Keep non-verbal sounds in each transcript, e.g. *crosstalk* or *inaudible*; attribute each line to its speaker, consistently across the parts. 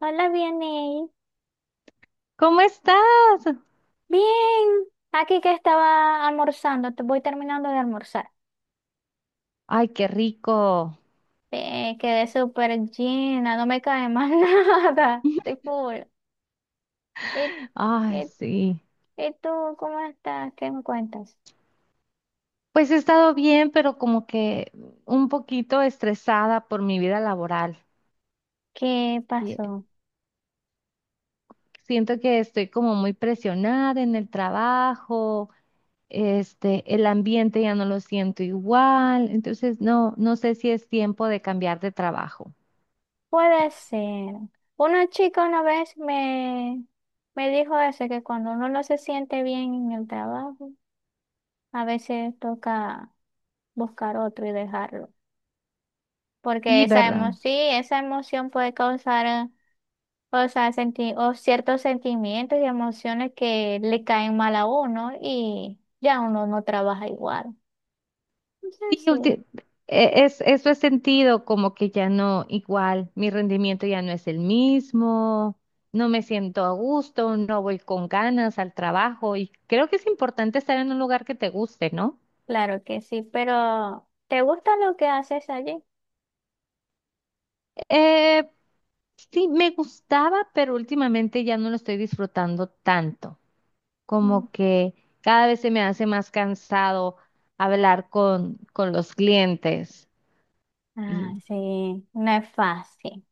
Speaker 1: Hola, bien, Ney.
Speaker 2: ¿Cómo estás?
Speaker 1: Bien, aquí que estaba almorzando, te voy terminando de almorzar.
Speaker 2: Ay, qué rico.
Speaker 1: Quedé súper llena, no me cae más *laughs* nada, estoy full. ¿Y,
Speaker 2: Ay,
Speaker 1: y-
Speaker 2: sí.
Speaker 1: y tú cómo estás? ¿Qué me cuentas?
Speaker 2: Pues he estado bien, pero como que un poquito estresada por mi vida laboral.
Speaker 1: ¿Qué
Speaker 2: Y
Speaker 1: pasó?
Speaker 2: Siento que estoy como muy presionada en el trabajo, este, el ambiente ya no lo siento igual, entonces no, no sé si es tiempo de cambiar de trabajo.
Speaker 1: Puede ser. Una chica una vez me dijo eso, que cuando uno no se siente bien en el trabajo, a veces toca buscar otro y dejarlo. Porque
Speaker 2: Sí,
Speaker 1: esa
Speaker 2: ¿verdad?
Speaker 1: emoción, sí, esa emoción puede causar. O sea, o ciertos sentimientos y emociones que le caen mal a uno y ya uno no trabaja igual.
Speaker 2: Sí,
Speaker 1: Entonces, sí,
Speaker 2: eso he sentido como que ya no, igual, mi rendimiento ya no es el mismo, no me siento a gusto, no voy con ganas al trabajo y creo que es importante estar en un lugar que te guste, ¿no?
Speaker 1: claro que sí, pero ¿te gusta lo que haces allí?
Speaker 2: Eh, sí, me gustaba, pero últimamente ya no lo estoy disfrutando tanto,
Speaker 1: Mm.
Speaker 2: como que cada vez se me hace más cansado hablar con los clientes
Speaker 1: Ah,
Speaker 2: y
Speaker 1: sí, no es fácil.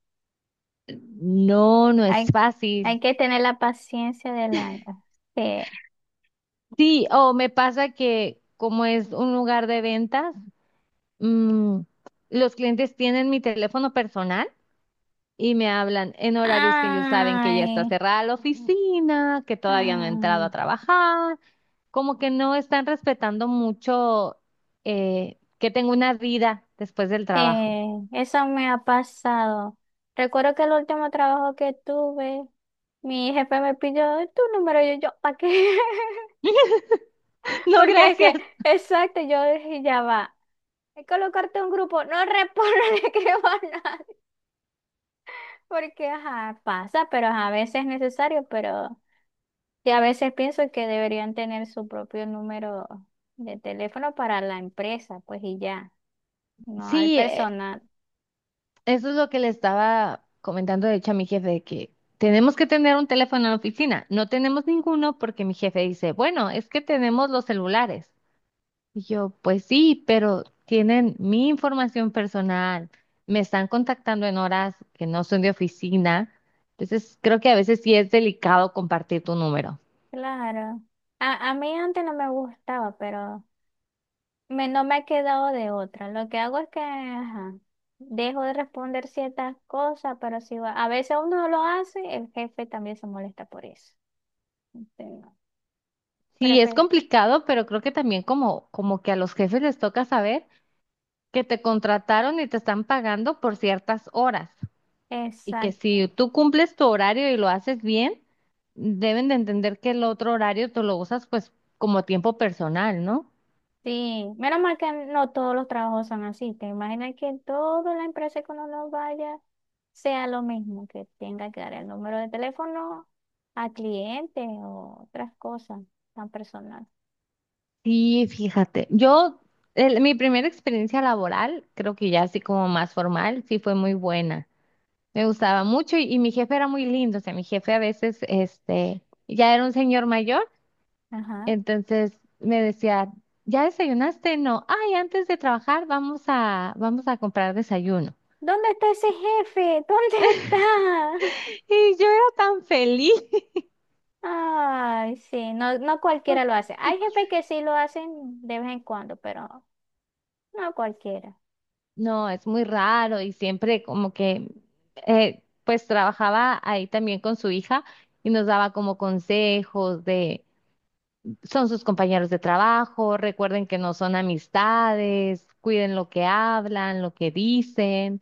Speaker 2: no, no es
Speaker 1: Hay, que-
Speaker 2: fácil.
Speaker 1: hay que tener la paciencia del año. Sí.
Speaker 2: Sí, o me pasa que como es un lugar de ventas, mm, los clientes tienen mi teléfono personal y me hablan en horarios que ellos saben que ya está
Speaker 1: Ay,
Speaker 2: cerrada la oficina, que todavía no he entrado
Speaker 1: ay,
Speaker 2: a trabajar, como que no están respetando mucho que tengo una vida después del trabajo.
Speaker 1: sí, eso me ha pasado. Recuerdo que el último trabajo que tuve. Mi jefe me pidió tu número y yo, ¿para qué? *laughs*
Speaker 2: *laughs* No,
Speaker 1: Porque es
Speaker 2: gracias.
Speaker 1: que, exacto, yo dije, ya va. Hay que colocarte un grupo, no respondo, *laughs* ni escribo a nadie. Porque, ajá, pasa, pero ajá, a veces es necesario, pero y a veces pienso que deberían tener su propio número de teléfono para la empresa, pues y ya, no al
Speaker 2: Sí, eh,
Speaker 1: personal.
Speaker 2: Eso es lo que le estaba comentando, de hecho, a mi jefe, de que tenemos que tener un teléfono en la oficina. No tenemos ninguno porque mi jefe dice, bueno, es que tenemos los celulares. Y yo, pues sí, pero tienen mi información personal, me están contactando en horas que no son de oficina. Entonces, creo que a veces sí es delicado compartir tu número.
Speaker 1: Claro. A mí antes no me gustaba, pero no me ha quedado de otra. Lo que hago es que ajá, dejo de responder ciertas cosas, pero si va- a veces uno lo hace, el jefe también se molesta por eso. Entonces,
Speaker 2: Sí, es
Speaker 1: prefe-
Speaker 2: complicado, pero creo que también como, que a los jefes les toca saber que te contrataron y te están pagando por ciertas horas. Y que
Speaker 1: exacto.
Speaker 2: si tú cumples tu horario y lo haces bien, deben de entender que el otro horario tú lo usas pues como tiempo personal, ¿no?
Speaker 1: Sí, menos mal que no todos los trabajos son así. Te imaginas que en toda la empresa que uno no vaya sea lo mismo, que tenga que dar el número de teléfono a clientes o otras cosas tan personales.
Speaker 2: Sí, fíjate, yo, mi primera experiencia laboral, creo que ya así como más formal, sí fue muy buena. Me gustaba mucho y mi jefe era muy lindo, o sea, mi jefe a veces, este, ya era un señor mayor,
Speaker 1: Ajá.
Speaker 2: entonces me decía, ¿ya desayunaste? No, ay, antes de trabajar vamos a comprar desayuno.
Speaker 1: ¿Dónde está ese jefe? ¿Dónde está? *laughs*
Speaker 2: Y yo era tan feliz.
Speaker 1: Ay, sí, no, no cualquiera lo hace. Hay jefes que sí lo hacen de vez en cuando, pero no cualquiera.
Speaker 2: No, es muy raro y siempre como que, pues trabajaba ahí también con su hija y nos daba como consejos de, son sus compañeros de trabajo, recuerden que no son amistades, cuiden lo que hablan, lo que dicen.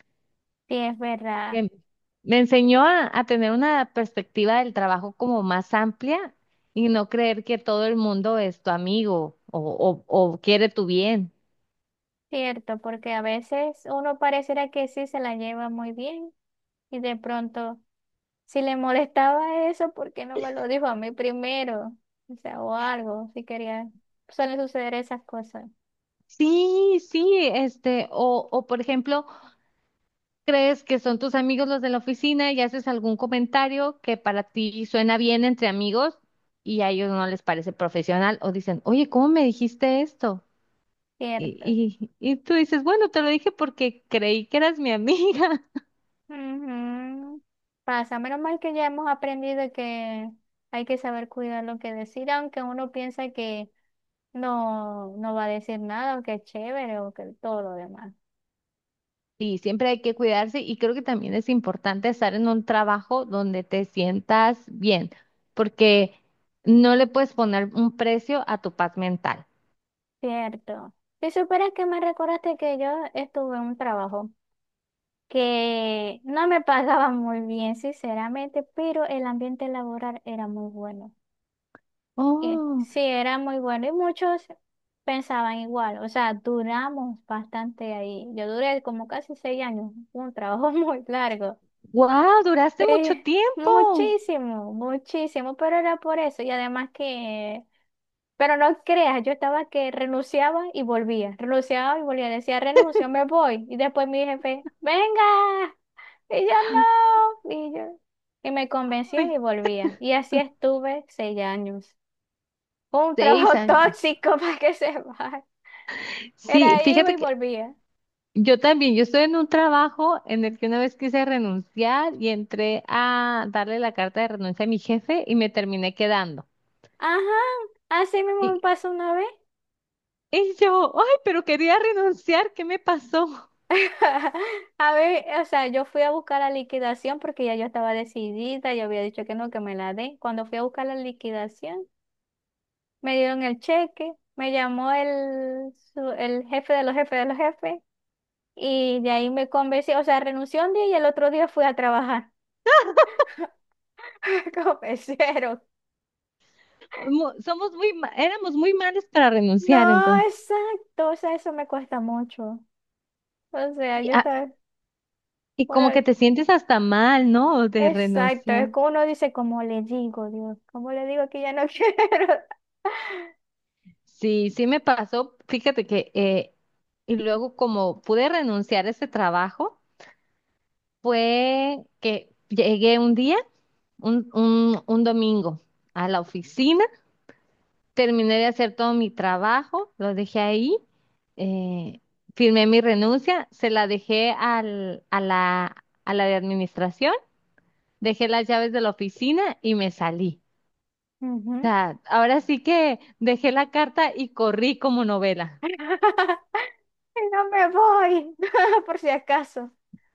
Speaker 1: Sí, es verdad,
Speaker 2: Em, Me enseñó a tener una perspectiva del trabajo como más amplia y no creer que todo el mundo es tu amigo o quiere tu bien.
Speaker 1: cierto, porque a veces uno pareciera que sí se la lleva muy bien y de pronto, si le molestaba eso, ¿por qué no me lo dijo a mí primero? O sea, o algo, si quería. Suelen suceder esas cosas,
Speaker 2: Sí, sí, este, o por ejemplo. Crees que son tus amigos los de la oficina y haces algún comentario que para ti suena bien entre amigos y a ellos no les parece profesional o dicen, oye, ¿cómo me dijiste esto?
Speaker 1: cierto.
Speaker 2: Y tú dices, bueno, te lo dije porque creí que eras mi amiga. *laughs*
Speaker 1: Ujú. Pasa, menos mal que ya hemos aprendido que hay que saber cuidar lo que decir, aunque uno piensa que no, no va a decir nada, aunque es chévere o que todo lo demás.
Speaker 2: Y siempre hay que cuidarse y creo que también es importante estar en un trabajo donde te sientas bien, porque no le puedes poner un precio a tu paz mental.
Speaker 1: Cierto. Si supieras que me recordaste que yo estuve en un trabajo que no me *laughs* pagaba muy bien, sinceramente, pero el ambiente laboral era muy bueno. Y,
Speaker 2: Oh,
Speaker 1: sí, era muy bueno y muchos pensaban igual. O sea, duramos bastante ahí. Yo duré como casi 6 años, un trabajo *laughs* muy largo.
Speaker 2: wow, duraste mucho
Speaker 1: Sí,
Speaker 2: tiempo.
Speaker 1: muchísimo, muchísimo, pero era por eso. Y además que... Pero no creas, yo estaba que renunciaba y volvía, decía renuncio, me voy. Y después mi jefe, venga, y yo no, y yo, y me
Speaker 2: Ay,
Speaker 1: convencía y
Speaker 2: voy.
Speaker 1: volvía. Y así estuve 6 años. Fue un
Speaker 2: Seis
Speaker 1: trabajo *laughs*
Speaker 2: años.
Speaker 1: tóxico para que se vaya.
Speaker 2: Sí,
Speaker 1: Era iba
Speaker 2: fíjate
Speaker 1: y
Speaker 2: que
Speaker 1: volvía.
Speaker 2: yo también, yo estoy en un trabajo en el que una vez quise renunciar y entré a darle la carta de renuncia a mi jefe y me terminé quedando.
Speaker 1: Ajá, así mismo me
Speaker 2: Y,
Speaker 1: pasó una vez.
Speaker 2: y yo, ay, pero quería renunciar, ¿qué me pasó?
Speaker 1: *laughs* A ver, o sea, yo fui a buscar la liquidación porque ya yo estaba decidida, yo había dicho que no, que me la den. Cuando fui a buscar la liquidación, me dieron el cheque, me llamó el jefe de los jefes y de ahí me convencí, o sea, renuncié un día y el otro día fui a trabajar *laughs* como mesero.
Speaker 2: Somos muy, éramos muy malos para renunciar,
Speaker 1: No,
Speaker 2: entonces.
Speaker 1: exacto, o sea, eso me cuesta mucho. O sea,
Speaker 2: Sí,
Speaker 1: yo
Speaker 2: ah,
Speaker 1: estaba,
Speaker 2: y como
Speaker 1: uno,
Speaker 2: que te sientes hasta mal, ¿no? De
Speaker 1: exacto, es
Speaker 2: renunciar.
Speaker 1: como uno dice, como le digo, Dios, como le digo que ya no *laughs* quiero.
Speaker 2: Sí, sí me pasó. Fíjate que, y luego como pude renunciar a ese trabajo. Fue que llegué un día, un domingo, a la oficina, terminé de hacer todo mi trabajo, lo dejé ahí, eh, firmé mi renuncia, se la dejé a la de administración, dejé las llaves de la oficina y me salí. O
Speaker 1: Ujú.
Speaker 2: sea, ahora sí que dejé la carta y corrí como novela.
Speaker 1: *laughs* Y no me voy, *laughs* por si acaso.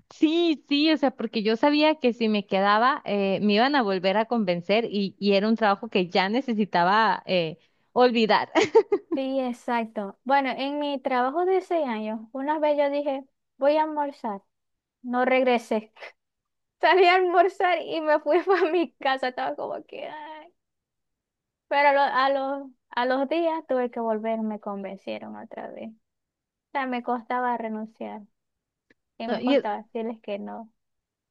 Speaker 2: Sí, sí, o sea, porque yo sabía que si me quedaba me iban a volver a convencer y era un trabajo que ya necesitaba olvidar. *laughs*
Speaker 1: Sí, exacto. Bueno, en mi trabajo de 6 años, una vez yo dije, voy a almorzar. No regresé. *laughs* Salí a almorzar y me fui *laughs* para mi casa. Estaba como que, ay. Pero a los días tuve que volver, me convencieron otra vez. O sea, me costaba renunciar y
Speaker 2: No,
Speaker 1: me
Speaker 2: Y, es-
Speaker 1: costaba decirles que no.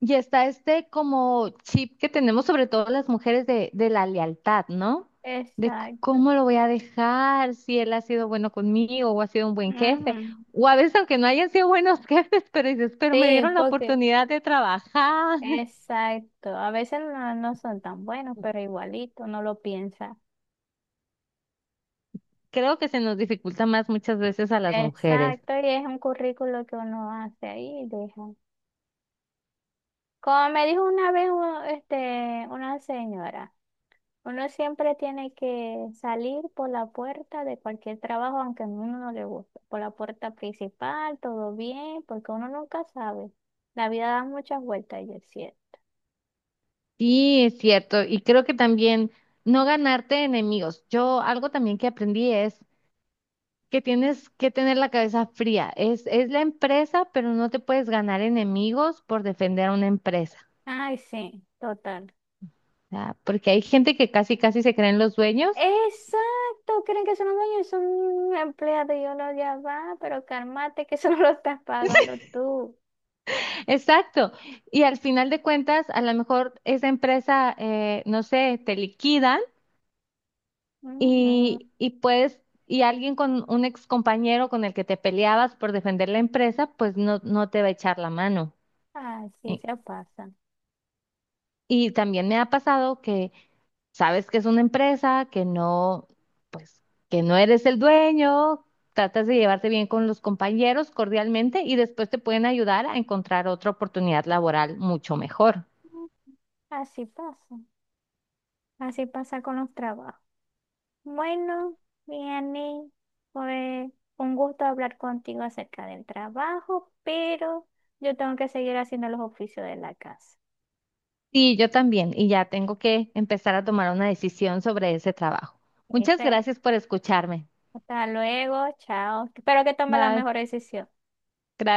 Speaker 2: y está este como chip que tenemos sobre todo las mujeres de la lealtad, ¿no? De
Speaker 1: Exacto.
Speaker 2: cómo lo voy a dejar, si él ha sido bueno conmigo o ha sido un buen
Speaker 1: Ujú.
Speaker 2: jefe, o a veces aunque no hayan sido buenos *laughs* jefes, pero dices, pero me
Speaker 1: Sí,
Speaker 2: dieron la
Speaker 1: porque,
Speaker 2: oportunidad de trabajar. *laughs*
Speaker 1: exacto. A veces no, no son tan buenos, pero igualito, no lo piensa.
Speaker 2: Creo que se nos dificulta más muchas veces a las mujeres.
Speaker 1: Exacto, y es un currículo que uno hace ahí y deja. Como me dijo una vez este, una señora, uno siempre tiene que salir por la puerta de cualquier trabajo, aunque a uno no le guste, por la puerta principal, todo bien, porque uno nunca sabe. La vida da muchas vueltas y es cierto.
Speaker 2: Sí, es cierto. Y creo que también no ganarte enemigos. Yo algo también que aprendí es que tienes que tener la cabeza fría. Es la empresa, pero no te puedes ganar enemigos por defender a una empresa.
Speaker 1: Ay, sí, total.
Speaker 2: O sea, porque hay gente que casi, casi se creen los dueños.
Speaker 1: Exacto, creen que son los dueños, son un empleado y uno ya va, pero cálmate que *laughs* eso no lo estás pagando tú.
Speaker 2: *laughs* Exacto. Y al final de cuentas, a lo mejor esa empresa, no sé, te liquidan
Speaker 1: Ujú.
Speaker 2: y puedes. Y alguien con un ex compañero con el que te peleabas por defender la empresa, pues no, no te va a echar la mano.
Speaker 1: Así
Speaker 2: Y,
Speaker 1: se pasa.
Speaker 2: y también me ha pasado que sabes que es una empresa, que no, pues, que no eres el dueño, tratas de llevarte bien con los compañeros cordialmente y después te pueden ayudar a encontrar otra oportunidad laboral mucho mejor.
Speaker 1: Así pasa. Así pasa con los trabajos. Bueno, Vianney, fue un gusto hablar contigo acerca del trabajo, pero yo tengo que seguir haciendo los oficios de la casa.
Speaker 2: Sí, yo también, y ya tengo que empezar a tomar una decisión sobre ese trabajo. Muchas
Speaker 1: ¿Viste?
Speaker 2: gracias por escucharme.
Speaker 1: Hasta luego, chao. Espero que tome la
Speaker 2: Bye.
Speaker 1: mejor decisión.
Speaker 2: Gracias.